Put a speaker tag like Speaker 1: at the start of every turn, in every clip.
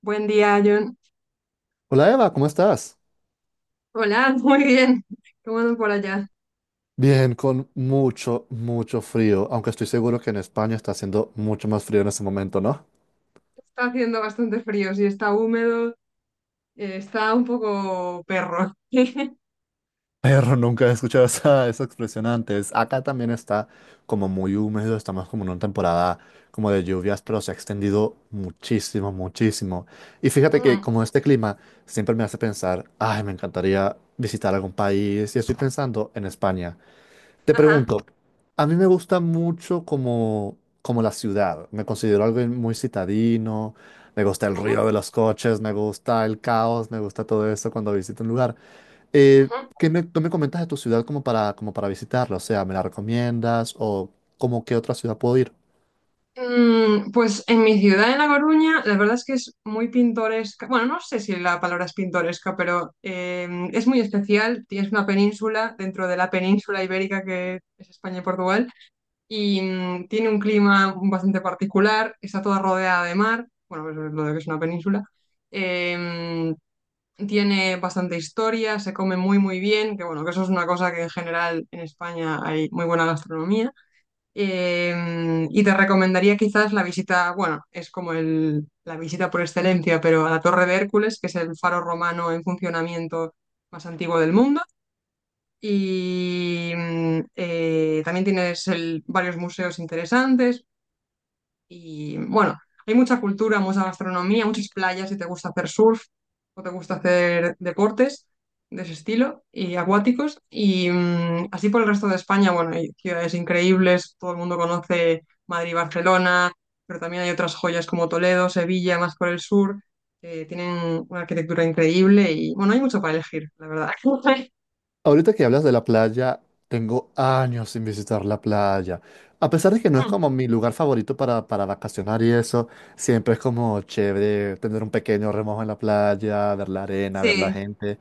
Speaker 1: Buen día, John.
Speaker 2: Hola Eva, ¿cómo estás?
Speaker 1: Hola, muy bien. ¿Cómo andan por allá?
Speaker 2: Bien, con mucho, mucho frío, aunque estoy seguro que en España está haciendo mucho más frío en este momento, ¿no?
Speaker 1: Está haciendo bastante frío, sí, está húmedo, está un poco perro. Ujú.
Speaker 2: Pero nunca he escuchado esa expresión antes. Acá también está como muy húmedo, estamos como en una temporada como de lluvias, pero se ha extendido muchísimo, muchísimo. Y fíjate que como este clima siempre me hace pensar, ay, me encantaría visitar algún país y estoy pensando en España. Te
Speaker 1: Ajá,
Speaker 2: pregunto, a mí me gusta mucho como la ciudad. Me considero alguien muy citadino, me gusta el
Speaker 1: ujú,
Speaker 2: ruido de los coches, me gusta el caos, me gusta todo eso cuando visito un lugar. Eh,
Speaker 1: ujú.
Speaker 2: ¿Qué me, tú me comentas de tu ciudad como para visitarla? O sea, ¿me la recomiendas o como qué otra ciudad puedo ir?
Speaker 1: Pues en mi ciudad, en La Coruña, la verdad es que es muy pintoresca. Bueno, no sé si la palabra es pintoresca, pero es muy especial. Tienes una península dentro de la península ibérica que es España y Portugal. Y tiene un clima bastante particular, está toda rodeada de mar, bueno, eso es lo de que es una península, eh, tiene bastante historia, se come muy muy bien, que bueno, que eso es una cosa que en general en España hay muy buena gastronomía. Y te recomendaría quizás la visita, bueno, es como la visita por excelencia, pero a la Torre de Hércules, que es el faro romano en funcionamiento más antiguo del mundo y también tienes varios museos interesantes y bueno, hay mucha cultura, mucha gastronomía, muchas playas si te gusta hacer surf o te gusta hacer deportes de ese estilo y acuáticos y así por el resto de España, bueno, hay ciudades increíbles, todo el mundo conoce Madrid y Barcelona, pero también hay otras joyas como Toledo, Sevilla, más por el sur, que tienen una arquitectura increíble y bueno, hay mucho para elegir, la verdad.
Speaker 2: Ahorita que hablas de la playa, tengo años sin visitar la playa. A pesar de que no es como mi lugar favorito para vacacionar y eso, siempre es como chévere tener un pequeño remojo en la playa, ver la arena, ver la
Speaker 1: Sí.
Speaker 2: gente.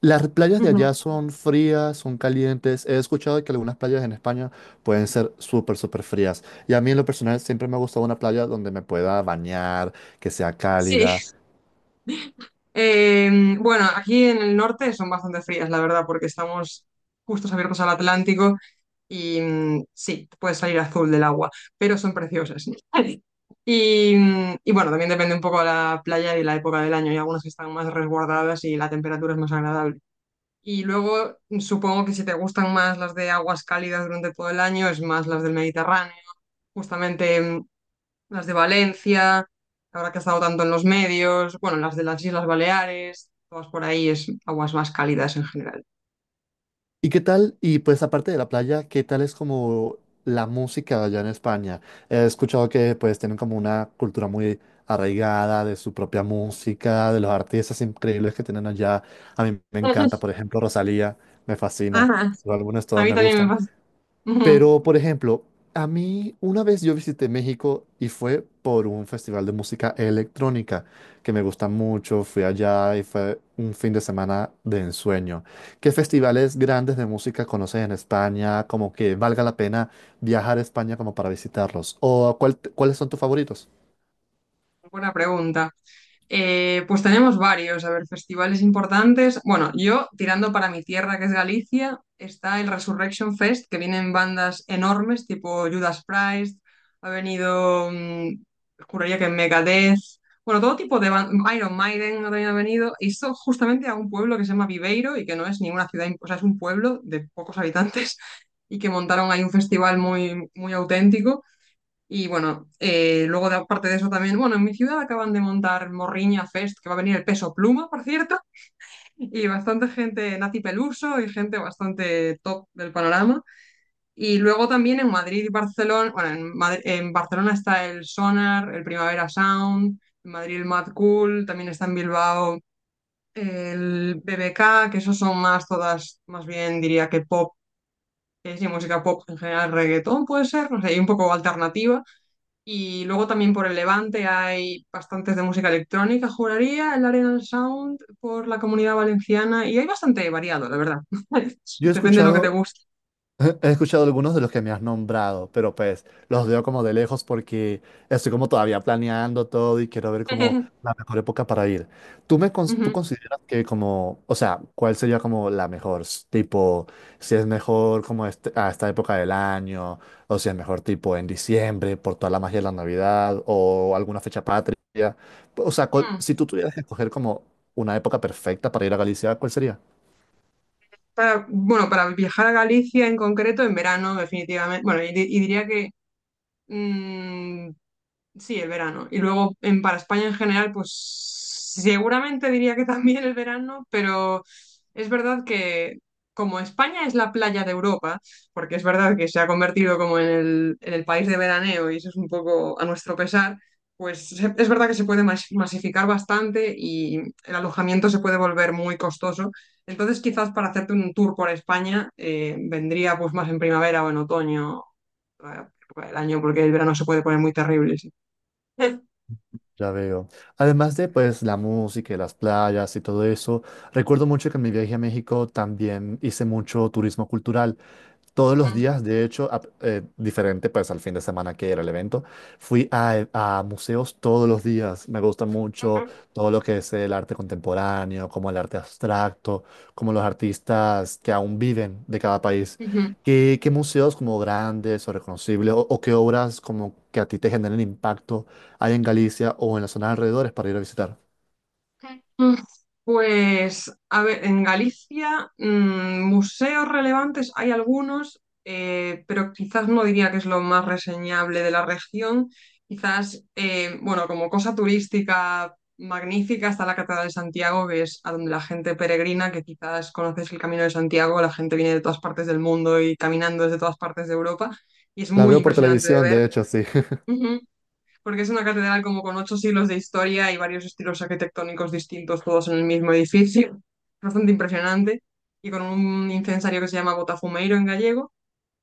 Speaker 2: Las playas de
Speaker 1: Ujú.
Speaker 2: allá son frías, son calientes. He escuchado que algunas playas en España pueden ser súper, súper frías. Y a mí en lo personal siempre me ha gustado una playa donde me pueda bañar, que sea cálida.
Speaker 1: Sí, bueno, aquí en el norte son bastante frías, la verdad, porque estamos justos abiertos al Atlántico y sí, puede salir azul del agua, pero son preciosas. Y, y bueno, también depende un poco de la playa y la época del año. Hay algunas que están más resguardadas y la temperatura es más agradable. Y luego supongo que si te gustan más las de aguas cálidas durante todo el año, es más las del Mediterráneo. Justamente las de Valencia, ahora que ha estado tanto en los medios, bueno, las de las Islas Baleares, todas por ahí es aguas más cálidas en general.
Speaker 2: ¿Y qué tal? Y pues aparte de la playa, ¿qué tal es como la música allá en España? He escuchado que pues tienen como una cultura muy arraigada de su propia música, de los artistas increíbles que tienen allá. A mí me encanta, por ejemplo, Rosalía, me fascina.
Speaker 1: Ajá.
Speaker 2: Los álbumes
Speaker 1: A
Speaker 2: todos
Speaker 1: mí
Speaker 2: me
Speaker 1: también
Speaker 2: gustan.
Speaker 1: me pasa.
Speaker 2: Pero, por ejemplo, a mí una vez yo visité México y fue por un festival de música electrónica que me gusta mucho. Fui allá y fue un fin de semana de ensueño. ¿Qué festivales grandes de música conoces en España? Como que valga la pena viajar a España como para visitarlos. ¿O cuáles son tus favoritos?
Speaker 1: Buena pregunta. Pues tenemos varios, a ver, festivales importantes. Bueno, yo tirando para mi tierra, que es Galicia, está el Resurrection Fest, que vienen bandas enormes, tipo Judas Priest, ha venido, juraría que Megadeth, bueno, todo tipo de Iron Maiden también ha venido, y esto justamente a un pueblo que se llama Viveiro y que no es ninguna ciudad, o sea, es un pueblo de pocos habitantes y que montaron ahí un festival muy, muy auténtico. Y bueno, luego de, aparte de eso también, bueno, en mi ciudad acaban de montar Morriña Fest, que va a venir el peso pluma, por cierto, y bastante gente nazi peluso y gente bastante top del panorama. Y luego también en Madrid y Barcelona, bueno, en Barcelona está el Sonar, el Primavera Sound, en Madrid el Mad Cool, también está en Bilbao el BBK, que esos son más todas, más bien diría que pop, es y música pop en general, reggaetón puede ser, no sé, y un poco alternativa. Y luego también por el Levante hay bastantes de música electrónica, juraría, el Arenal Sound por la comunidad valenciana y hay bastante variado, la verdad.
Speaker 2: Yo he
Speaker 1: Depende de lo que te
Speaker 2: escuchado
Speaker 1: guste.
Speaker 2: He escuchado algunos de los que me has nombrado, pero pues los veo como de lejos porque estoy como todavía planeando todo y quiero ver como la mejor época para ir. Tú
Speaker 1: Ujú.
Speaker 2: consideras que como, o sea, cuál sería como la mejor? Tipo, si es mejor como a esta época del año, o si es mejor tipo en diciembre por toda la magia de la Navidad o alguna fecha patria. O sea,
Speaker 1: Mm.
Speaker 2: si tú tuvieras que escoger como una época perfecta para ir a Galicia, ¿cuál sería?
Speaker 1: Para, bueno, para viajar a Galicia en concreto, en verano, definitivamente. Bueno, y diría que mm, sí, el verano. Y luego en, para España en general, pues seguramente diría que también el verano, pero es verdad que como España es la playa de Europa, porque es verdad que se ha convertido como en en el país de veraneo y eso es un poco a nuestro pesar, pues es verdad que se puede masificar bastante y el alojamiento se puede volver muy costoso. Entonces quizás para hacerte un tour por España vendría pues más en primavera o en otoño, eh, el año, porque el verano se puede poner muy terrible. Sí. Ujú.
Speaker 2: Ya veo. Además de pues la música y las playas y todo eso, recuerdo mucho que en mi viaje a México también hice mucho turismo cultural. Todos los días, de hecho, diferente pues al fin de semana que era el evento, fui a museos todos los días. Me gusta mucho todo lo que es el arte contemporáneo, como el arte abstracto, como los artistas que aún viven de cada país. Qué museos como grandes o reconocibles o qué obras como que a ti te generen impacto hay en Galicia o en las zonas alrededores para ir a visitar?
Speaker 1: Mm, Pues, a ver, en Galicia, museos relevantes hay algunos, pero quizás no diría que es lo más reseñable de la región. Quizás, bueno, como cosa turística magnífica está la Catedral de Santiago, que es a donde la gente peregrina, que quizás conoces el Camino de Santiago, la gente viene de todas partes del mundo y caminando desde todas partes de Europa, y es
Speaker 2: La
Speaker 1: muy
Speaker 2: veo por
Speaker 1: impresionante de
Speaker 2: televisión, de hecho, sí.
Speaker 1: ver, porque es una catedral como con ocho siglos de historia y varios estilos arquitectónicos distintos, todos en el mismo edificio, bastante impresionante, y con un incensario que se llama Botafumeiro en gallego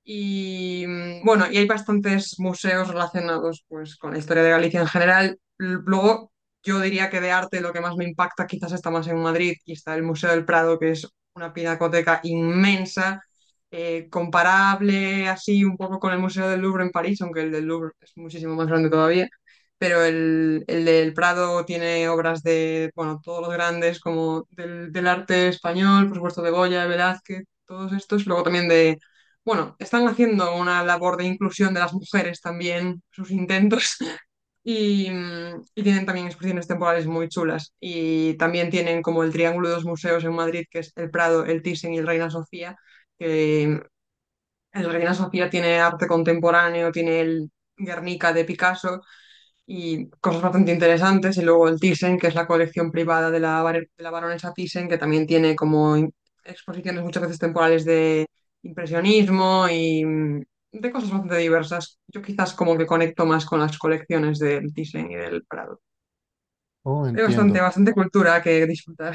Speaker 1: y bueno, y hay bastantes museos relacionados pues, con la historia de Galicia en general. Luego, yo diría que de arte lo que más me impacta quizás está más en Madrid y está el Museo del Prado, que es una pinacoteca inmensa, comparable así un poco con el Museo del Louvre en París, aunque el del Louvre es muchísimo más grande todavía. Pero el del Prado tiene obras de, bueno, todos los grandes como del arte español, por supuesto de Goya, de Velázquez, todos estos. Luego también de bueno, están haciendo una labor de inclusión de las mujeres también, sus intentos, y, y, tienen también exposiciones temporales muy chulas. Y también tienen como el Triángulo de los Museos en Madrid, que es el Prado, el Thyssen y el Reina Sofía, que el Reina Sofía tiene arte contemporáneo, tiene el Guernica de Picasso y cosas bastante interesantes. Y luego el Thyssen, que es la colección privada de de la baronesa Thyssen, que también tiene como exposiciones muchas veces temporales de impresionismo y de cosas bastante diversas. Yo quizás como que conecto más con las colecciones del Thyssen y del Prado.
Speaker 2: Oh,
Speaker 1: Hay bastante,
Speaker 2: entiendo.
Speaker 1: bastante cultura que disfrutar.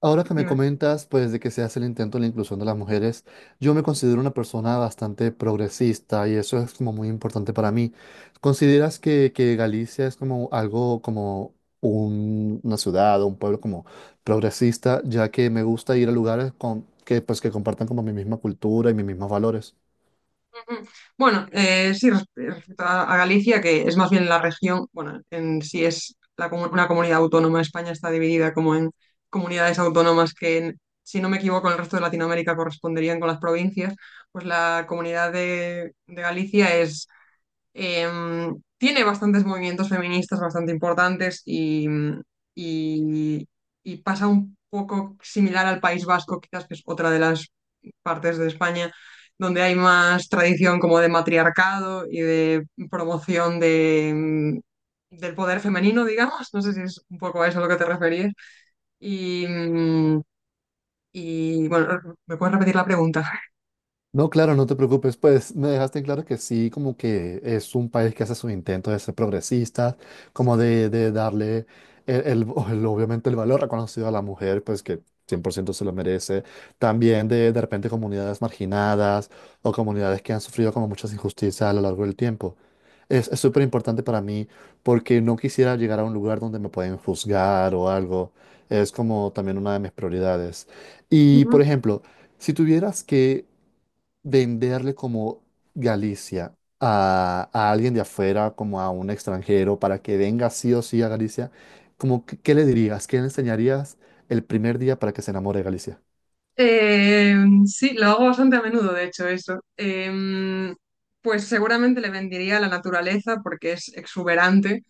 Speaker 2: Ahora que me
Speaker 1: Dime.
Speaker 2: comentas, pues, de que se hace el intento de la inclusión de las mujeres, yo me considero una persona bastante progresista y eso es como muy importante para mí. ¿Consideras que Galicia es como algo, como una ciudad o un pueblo como progresista, ya que me gusta ir a lugares que, pues, que compartan como mi misma cultura y mis mismos valores?
Speaker 1: Mm. Bueno, sí, respecto a Galicia, que es más bien la región, bueno, en sí es la una comunidad autónoma, España está dividida como en comunidades autónomas que, si no me equivoco, en el resto de Latinoamérica corresponderían con las provincias, pues la comunidad de Galicia es, tiene bastantes movimientos feministas bastante importantes y, y pasa un poco similar al País Vasco, quizás que es otra de las partes de España donde hay más tradición como de matriarcado y de promoción de, del poder femenino, digamos. No sé si es un poco a eso a lo que te referías. Y, y bueno, ¿me puedes repetir la pregunta?
Speaker 2: No, claro, no te preocupes, pues me dejaste en claro que sí, como que es un país que hace su intento de ser progresista, como
Speaker 1: Sí.
Speaker 2: de darle obviamente el valor reconocido a la mujer, pues que 100% se lo merece, también de repente comunidades marginadas o comunidades que han sufrido como muchas injusticias a lo largo del tiempo. Es súper importante para mí porque no quisiera llegar a un lugar donde me pueden juzgar o algo, es como también una de mis prioridades. Y por
Speaker 1: Ujú.
Speaker 2: ejemplo, si tuvieras que venderle como Galicia a alguien de afuera, como a un extranjero, para que venga sí o sí a Galicia, como, ¿qué le dirías? ¿Qué le enseñarías el primer día para que se enamore de Galicia?
Speaker 1: Eh, sí, lo hago bastante a menudo, de hecho, eso. Pues seguramente le vendería la naturaleza porque es exuberante,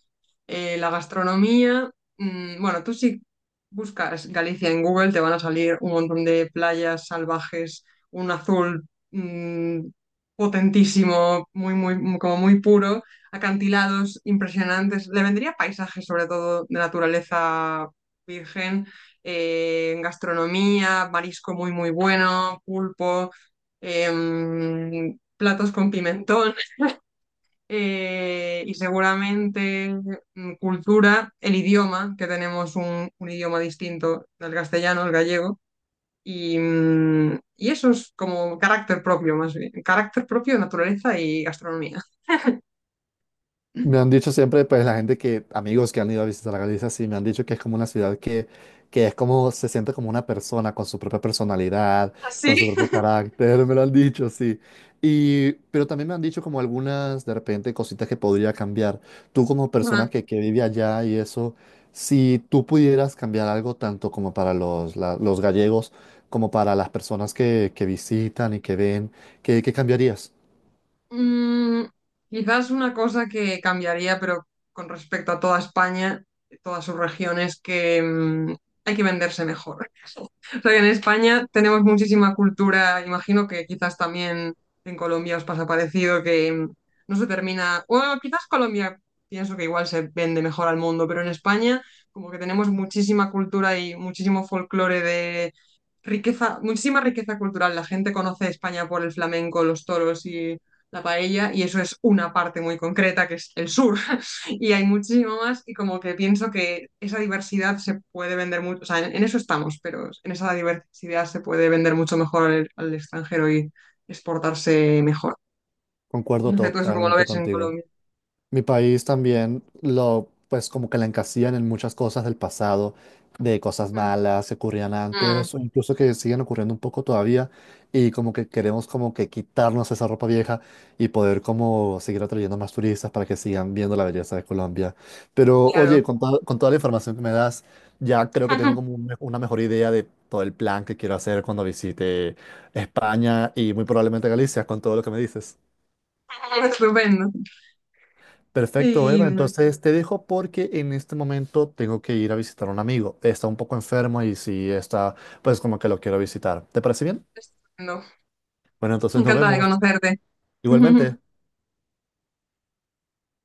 Speaker 1: la gastronomía. Bueno, tú si buscas Galicia en Google te van a salir un montón de playas salvajes, un azul mm, potentísimo, muy, muy, como muy puro, acantilados impresionantes. Le vendría paisajes sobre todo de naturaleza virgen, gastronomía, marisco muy, muy bueno, pulpo, platos con pimentón, y seguramente cultura, el idioma, que tenemos un idioma distinto del castellano, el gallego, y, y eso es como carácter propio, más bien, carácter propio, naturaleza y gastronomía.
Speaker 2: Me han dicho siempre, pues la gente que, amigos que han ido a visitar Galicia, sí, me han dicho que es como una ciudad que es como, se siente como una persona con su propia personalidad, con su
Speaker 1: ¿Así?
Speaker 2: propio carácter, me lo han dicho, sí. Y, pero también me han dicho como algunas, de repente, cositas que podría cambiar. Tú como persona
Speaker 1: Ajá.
Speaker 2: que vive allá y eso, si tú pudieras cambiar algo tanto como para los gallegos, como para las personas que visitan y que ven, qué cambiarías?
Speaker 1: Mm, quizás una cosa que cambiaría, pero con respecto a toda España, todas sus regiones, que hay que venderse mejor. O sea, que en España tenemos muchísima cultura, imagino que quizás también en Colombia os pasa parecido, que no se termina, bueno, quizás Colombia pienso que igual se vende mejor al mundo, pero en España como que tenemos muchísima cultura y muchísimo folclore de riqueza, muchísima riqueza cultural. La gente conoce España por el flamenco, los toros y la paella, y eso es una parte muy concreta que es el sur y hay muchísimo más y como que pienso que esa diversidad se puede vender mucho, o sea, en eso estamos, pero en esa diversidad se puede vender mucho mejor al extranjero y exportarse mejor.
Speaker 2: Concuerdo
Speaker 1: No sé, tú eso como lo
Speaker 2: totalmente
Speaker 1: ves en
Speaker 2: contigo.
Speaker 1: Colombia.
Speaker 2: Mi país también lo, pues como que la encasillan en muchas cosas del pasado, de cosas
Speaker 1: Ujú.
Speaker 2: malas que ocurrían
Speaker 1: Mm,
Speaker 2: antes o incluso que siguen ocurriendo un poco todavía y como que queremos como que quitarnos esa ropa vieja y poder como seguir atrayendo más turistas para que sigan viendo la belleza de Colombia. Pero
Speaker 1: claro.
Speaker 2: oye, con toda la información que me das, ya creo que tengo como una mejor idea de todo el plan que quiero hacer cuando visite España y muy probablemente Galicia con todo lo que me dices.
Speaker 1: Estupendo.
Speaker 2: Perfecto,
Speaker 1: Y
Speaker 2: Eva. Entonces te dejo porque en este momento tengo que ir a visitar a un amigo. Está un poco enfermo y si está, pues como que lo quiero visitar. ¿Te parece bien?
Speaker 1: estupendo.
Speaker 2: Bueno, entonces nos
Speaker 1: Encantada de
Speaker 2: vemos.
Speaker 1: conocerte.
Speaker 2: Igualmente.